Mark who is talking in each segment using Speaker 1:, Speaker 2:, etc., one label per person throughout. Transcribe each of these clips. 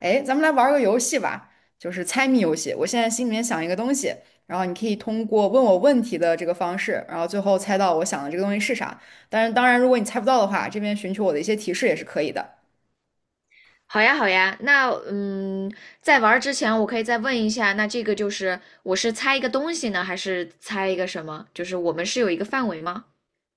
Speaker 1: 哎，咱们来玩儿个游戏吧，就是猜谜游戏。我现在心里面想一个东西，然后你可以通过问我问题的这个方式，然后最后猜到我想的这个东西是啥。但是当然，如果你猜不到的话，这边寻求我的一些提示也是可以的。
Speaker 2: 好呀，好呀，那在玩儿之前，我可以再问一下，那这个就是我是猜一个东西呢，还是猜一个什么？就是我们是有一个范围吗？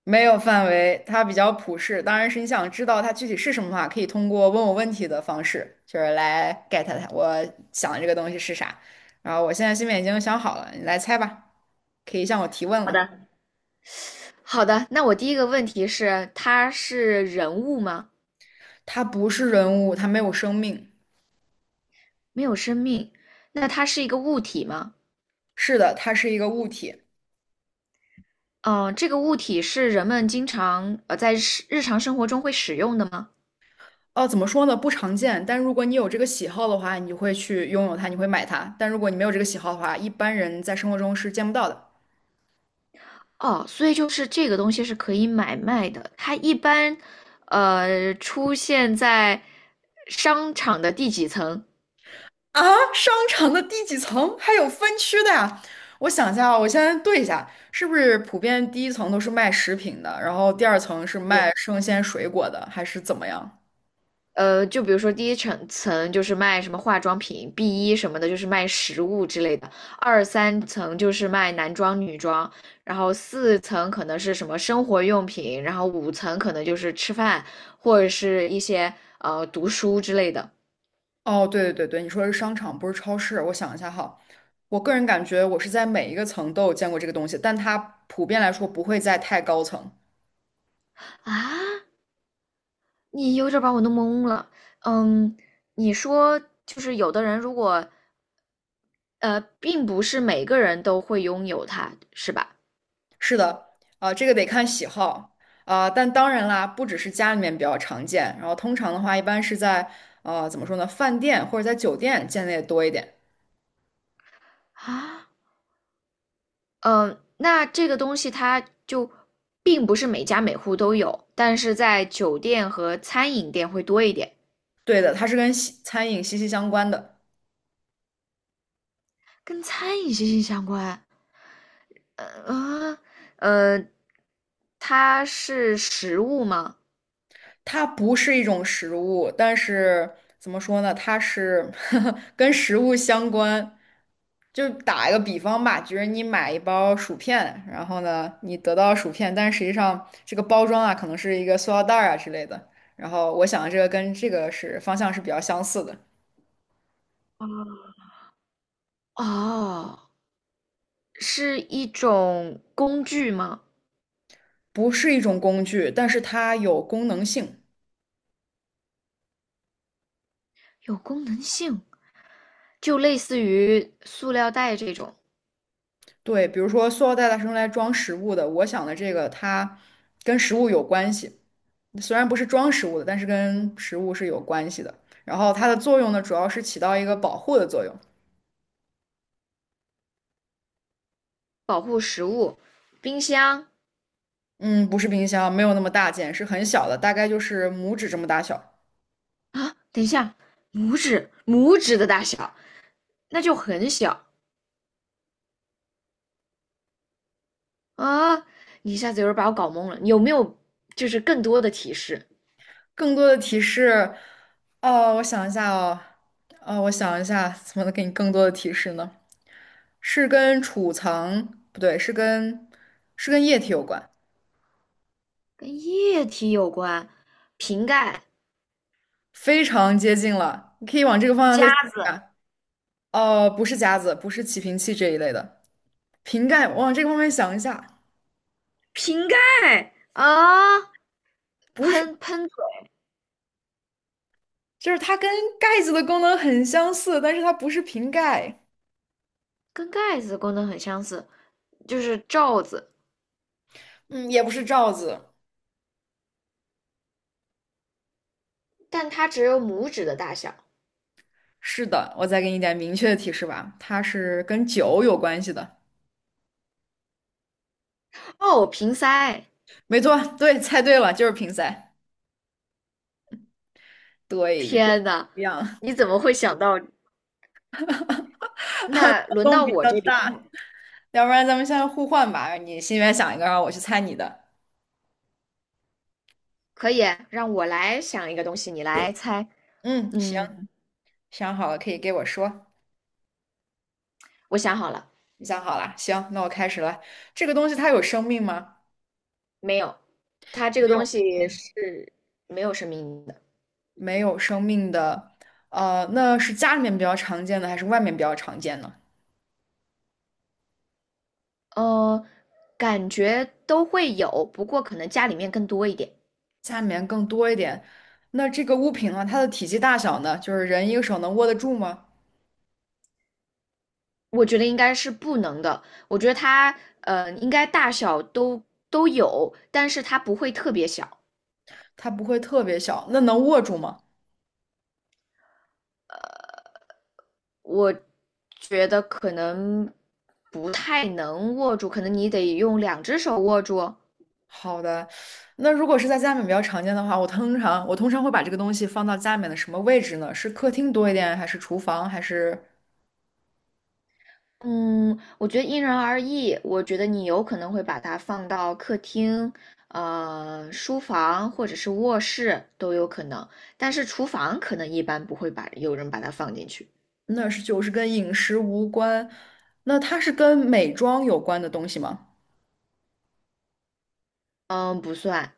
Speaker 1: 没有范围，它比较普适。当然是你想知道它具体是什么的话，可以通过问我问题的方式，就是来 get 它我想的这个东西是啥。然后我现在心里面已经想好了，你来猜吧，可以向我提问
Speaker 2: 好
Speaker 1: 了。
Speaker 2: 的，好的，那我第一个问题是，它是人物吗？
Speaker 1: 它不是人物，它没有生命。
Speaker 2: 没有生命，那它是一个物体吗？
Speaker 1: 是的，它是一个物体。
Speaker 2: 这个物体是人们经常在日常生活中会使用的吗？
Speaker 1: 哦，怎么说呢？不常见，但如果你有这个喜好的话，你会去拥有它，你会买它。但如果你没有这个喜好的话，一般人在生活中是见不到的。
Speaker 2: 哦，所以就是这个东西是可以买卖的，它一般出现在商场的第几层？
Speaker 1: 啊，商场的第几层还有分区的呀？我想一下啊，我先对一下，是不是普遍第一层都是卖食品的，然后第二层是卖
Speaker 2: 对，
Speaker 1: 生鲜水果的，还是怎么样？
Speaker 2: 呃，就比如说第一层就是卖什么化妆品，B1什么的，就是卖食物之类的；二三层就是卖男装、女装，然后四层可能是什么生活用品，然后五层可能就是吃饭或者是一些读书之类的。
Speaker 1: 哦，对对对对，你说的是商场，不是超市。我想一下哈，我个人感觉我是在每一个层都有见过这个东西，但它普遍来说不会在太高层。
Speaker 2: 啊，你有点儿把我弄懵了。嗯，你说就是有的人如果并不是每个人都会拥有它，是吧？
Speaker 1: 是的，啊、这个得看喜好啊、但当然啦，不只是家里面比较常见，然后通常的话，一般是在怎么说呢，饭店或者在酒店见的也多一点。
Speaker 2: 啊。那这个东西它就并不是每家每户都有，但是在酒店和餐饮店会多一点，
Speaker 1: 对的，它是跟西餐饮息息相关的，
Speaker 2: 跟餐饮息息相关。呃啊，呃，它是食物吗？
Speaker 1: 它不是一种食物，但是怎么说呢，它是 跟食物相关，就打一个比方吧，就是你买一包薯片，然后呢，你得到薯片，但是实际上这个包装啊，可能是一个塑料袋儿啊之类的。然后我想的这个跟这个是方向是比较相似的，
Speaker 2: 啊，哦，是一种工具吗？
Speaker 1: 不是一种工具，但是它有功能性。
Speaker 2: 有功能性，就类似于塑料袋这种
Speaker 1: 对，比如说塑料袋它是用来装食物的，我想的这个它跟食物有关系，虽然不是装食物的，但是跟食物是有关系的。然后它的作用呢，主要是起到一个保护的作用。
Speaker 2: 保护食物，冰箱
Speaker 1: 嗯，不是冰箱，没有那么大件，是很小的，大概就是拇指这么大小。
Speaker 2: 啊，等一下，拇指的大小。那就很小啊！你一下子有点把我搞懵了。有没有就是更多的提示？
Speaker 1: 更多的提示，哦，我想一下哦，哦，我想一下，怎么能给你更多的提示呢？是跟储藏，不对，是跟是跟液体有关，
Speaker 2: 跟液体有关，瓶盖、
Speaker 1: 非常接近了。你可以往这个方向再
Speaker 2: 夹
Speaker 1: 想一
Speaker 2: 子、
Speaker 1: 下。哦，不是夹子，不是起瓶器这一类的，瓶盖，往这个方面想一下，
Speaker 2: 瓶盖啊，
Speaker 1: 不是，
Speaker 2: 喷嘴，
Speaker 1: 就是它跟盖子的功能很相似，但是它不是瓶盖，
Speaker 2: 跟盖子功能很相似，就是罩子，
Speaker 1: 嗯，也不是罩子。
Speaker 2: 但它只有拇指的大小。
Speaker 1: 是的，我再给你一点明确的提示吧，它是跟酒有关系的。
Speaker 2: 哦，瓶塞！
Speaker 1: 没错，对，猜对了，就是瓶塞。对，就
Speaker 2: 天呐，
Speaker 1: 一样，
Speaker 2: 你怎么会想到？
Speaker 1: 活
Speaker 2: 那轮
Speaker 1: 动
Speaker 2: 到
Speaker 1: 比
Speaker 2: 我
Speaker 1: 较
Speaker 2: 这边
Speaker 1: 大
Speaker 2: 了，
Speaker 1: 要不然咱们现在互换吧，你心里面想一个，让我去猜你的。
Speaker 2: 可以让我来想一个东西，你来猜。
Speaker 1: 嗯，行，
Speaker 2: 嗯，
Speaker 1: 想好了可以给我说。
Speaker 2: 我想好了。
Speaker 1: 你想好了，行，那我开始了。这个东西它有生命吗？
Speaker 2: 没有，它这
Speaker 1: 没
Speaker 2: 个东
Speaker 1: 有，
Speaker 2: 西是没有生命的。
Speaker 1: 没有生命的。那是家里面比较常见的，还是外面比较常见呢？
Speaker 2: 呃，感觉都会有，不过可能家里面更多一点。
Speaker 1: 家里面更多一点。那这个物品呢，它的体积大小呢，就是人一个手能握得住吗？
Speaker 2: 我觉得应该是不能的。我觉得它应该大小都有，但是它不会特别小。
Speaker 1: 它不会特别小，那能握住吗？
Speaker 2: 我觉得可能不太能握住，可能你得用两只手握住。
Speaker 1: 好的，那如果是在家里面比较常见的话，我通常会把这个东西放到家里面的什么位置呢？是客厅多一点，还是厨房，还是
Speaker 2: 嗯，我觉得因人而异。我觉得你有可能会把它放到客厅、呃，书房或者是卧室都有可能，但是厨房可能一般不会把有人把它放进去。
Speaker 1: 那是就是跟饮食无关？那它是跟美妆有关的东西吗？
Speaker 2: 嗯，不算，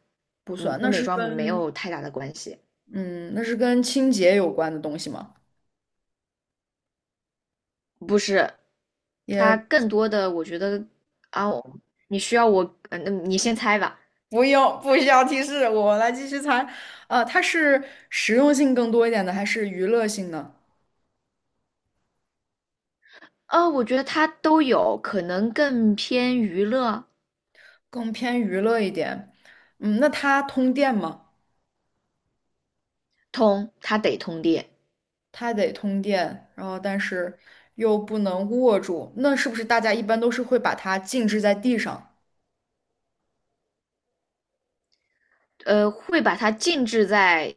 Speaker 1: 不
Speaker 2: 嗯，
Speaker 1: 算，
Speaker 2: 跟
Speaker 1: 那
Speaker 2: 美
Speaker 1: 是
Speaker 2: 妆没
Speaker 1: 跟
Speaker 2: 有太大的关系。
Speaker 1: 嗯，那是跟清洁有关的东西吗？
Speaker 2: 不是，
Speaker 1: 也。
Speaker 2: 它更多的我觉得啊，你需要我，嗯，嗯你先猜吧。
Speaker 1: 不用，不需要提示，我来继续猜。它是实用性更多一点的，还是娱乐性呢？
Speaker 2: 啊，我觉得它都有，可能更偏娱乐
Speaker 1: 更偏娱乐一点。嗯，那它通电吗？
Speaker 2: 通，它得通电。
Speaker 1: 它得通电，然后但是又不能握住，那是不是大家一般都是会把它静置在地上，
Speaker 2: 呃，会把它静置在，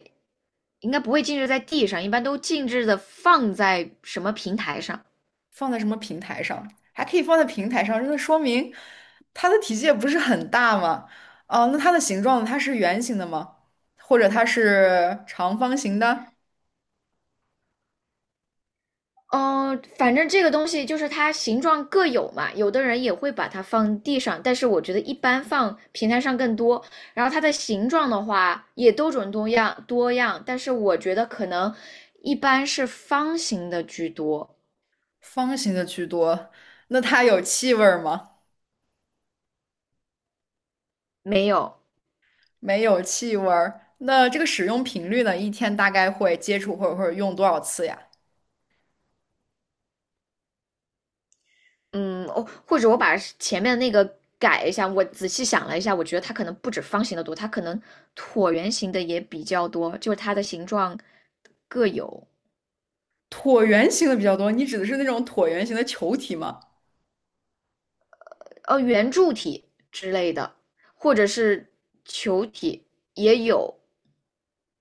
Speaker 2: 应该不会静置在地上，一般都静置的放在什么平台上？
Speaker 1: 放在什么平台上？还可以放在平台上，那说明它的体积也不是很大嘛。哦、那它的形状呢它是圆形的吗？或者它是长方形的？
Speaker 2: 嗯、反正这个东西就是它形状各有嘛，有的人也会把它放地上，但是我觉得一般放平台上更多。然后它的形状的话也多种多样，但是我觉得可能一般是方形的居多，
Speaker 1: 方形的居多，那它有气味儿吗？
Speaker 2: 没有
Speaker 1: 没有气味儿。那这个使用频率呢？一天大概会接触或者用多少次呀？
Speaker 2: 嗯，哦，或者我把前面那个改一下，我仔细想了一下，我觉得它可能不止方形的多，它可能椭圆形的也比较多，就是它的形状各有，
Speaker 1: 椭圆形的比较多，你指的是那种椭圆形的球体吗？
Speaker 2: 呃，圆柱体之类的，或者是球体也有。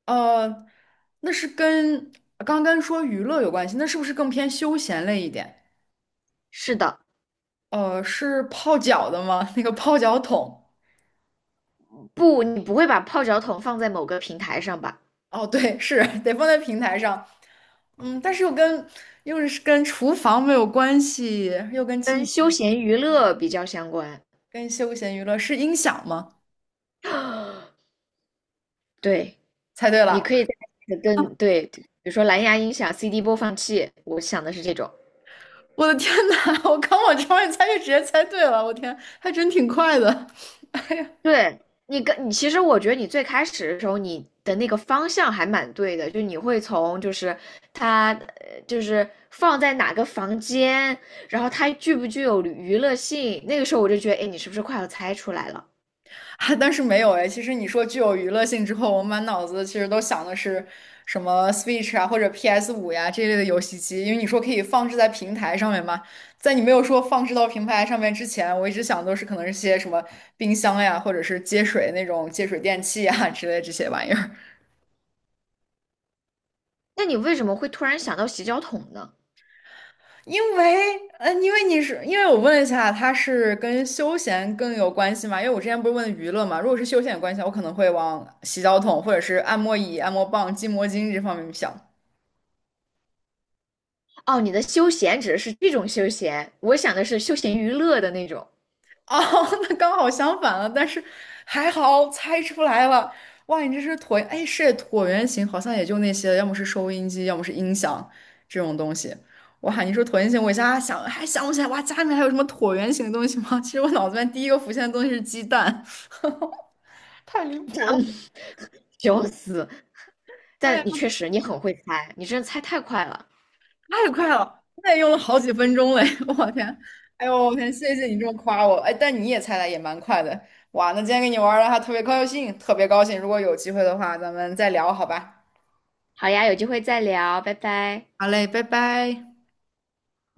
Speaker 1: 呃，那是跟刚刚说娱乐有关系，那是不是更偏休闲类一点？
Speaker 2: 是的，
Speaker 1: 是泡脚的吗？那个泡脚桶？
Speaker 2: 不，你不会把泡脚桶放在某个平台上吧？
Speaker 1: 哦，对，是得放在平台上。嗯，但是又跟又是跟厨房没有关系，又跟
Speaker 2: 跟
Speaker 1: 清。
Speaker 2: 休闲娱乐比较相关。
Speaker 1: 跟休闲娱乐是音响吗？
Speaker 2: 对，
Speaker 1: 猜对
Speaker 2: 你
Speaker 1: 了！
Speaker 2: 可以再跟对，比如说蓝牙音响、CD 播放器，我想的是这种。
Speaker 1: 我的天呐，我刚往这方面猜就直接猜对了，我天，还真挺快的。哎呀，
Speaker 2: 对你，其实我觉得你最开始的时候，你的那个方向还蛮对的，就你会从就是它就是放在哪个房间，然后它具不具有娱乐性，那个时候我就觉得，哎，你是不是快要猜出来了？
Speaker 1: 啊但是没有哎。其实你说具有娱乐性之后，我满脑子其实都想的是什么 Switch 啊，或者 PS5呀这类的游戏机，因为你说可以放置在平台上面嘛。在你没有说放置到平台上面之前，我一直想都是可能是些什么冰箱呀，或者是接水电器呀之类这些玩意儿。
Speaker 2: 那你为什么会突然想到洗脚桶呢？
Speaker 1: 因为，嗯，因为我问了一下，它是跟休闲更有关系嘛？因为我之前不是问娱乐嘛，如果是休闲有关系的话，我可能会往洗脚桶或者是按摩椅、按摩棒、筋膜巾这方面想。
Speaker 2: 哦，你的休闲指的是这种休闲，我想的是休闲娱乐的那种，
Speaker 1: 哦，那刚好相反了，但是还好猜出来了。哇，你这是椭，哎，是椭圆形，好像也就那些，要么是收音机，要么是音响这种东西。哇，你说椭圆形，我一下想还想不起来，哇，家里面还有什么椭圆形的东西吗？其实我脑子里面第一个浮现的东西是鸡蛋。太离谱了。
Speaker 2: 笑死！
Speaker 1: 哎
Speaker 2: 但
Speaker 1: 呀，
Speaker 2: 你确实你很会猜，你真的猜太快了。
Speaker 1: 太快了，那也用了好几分钟嘞！我天，哎呦，我天，谢谢你这么夸我，哎，但你也猜的也蛮快的，哇，那今天跟你玩儿的还特别高兴，特别高兴，如果有机会的话，咱们再聊，好吧？
Speaker 2: 好呀，有机会再聊，拜拜。
Speaker 1: 好嘞，拜拜。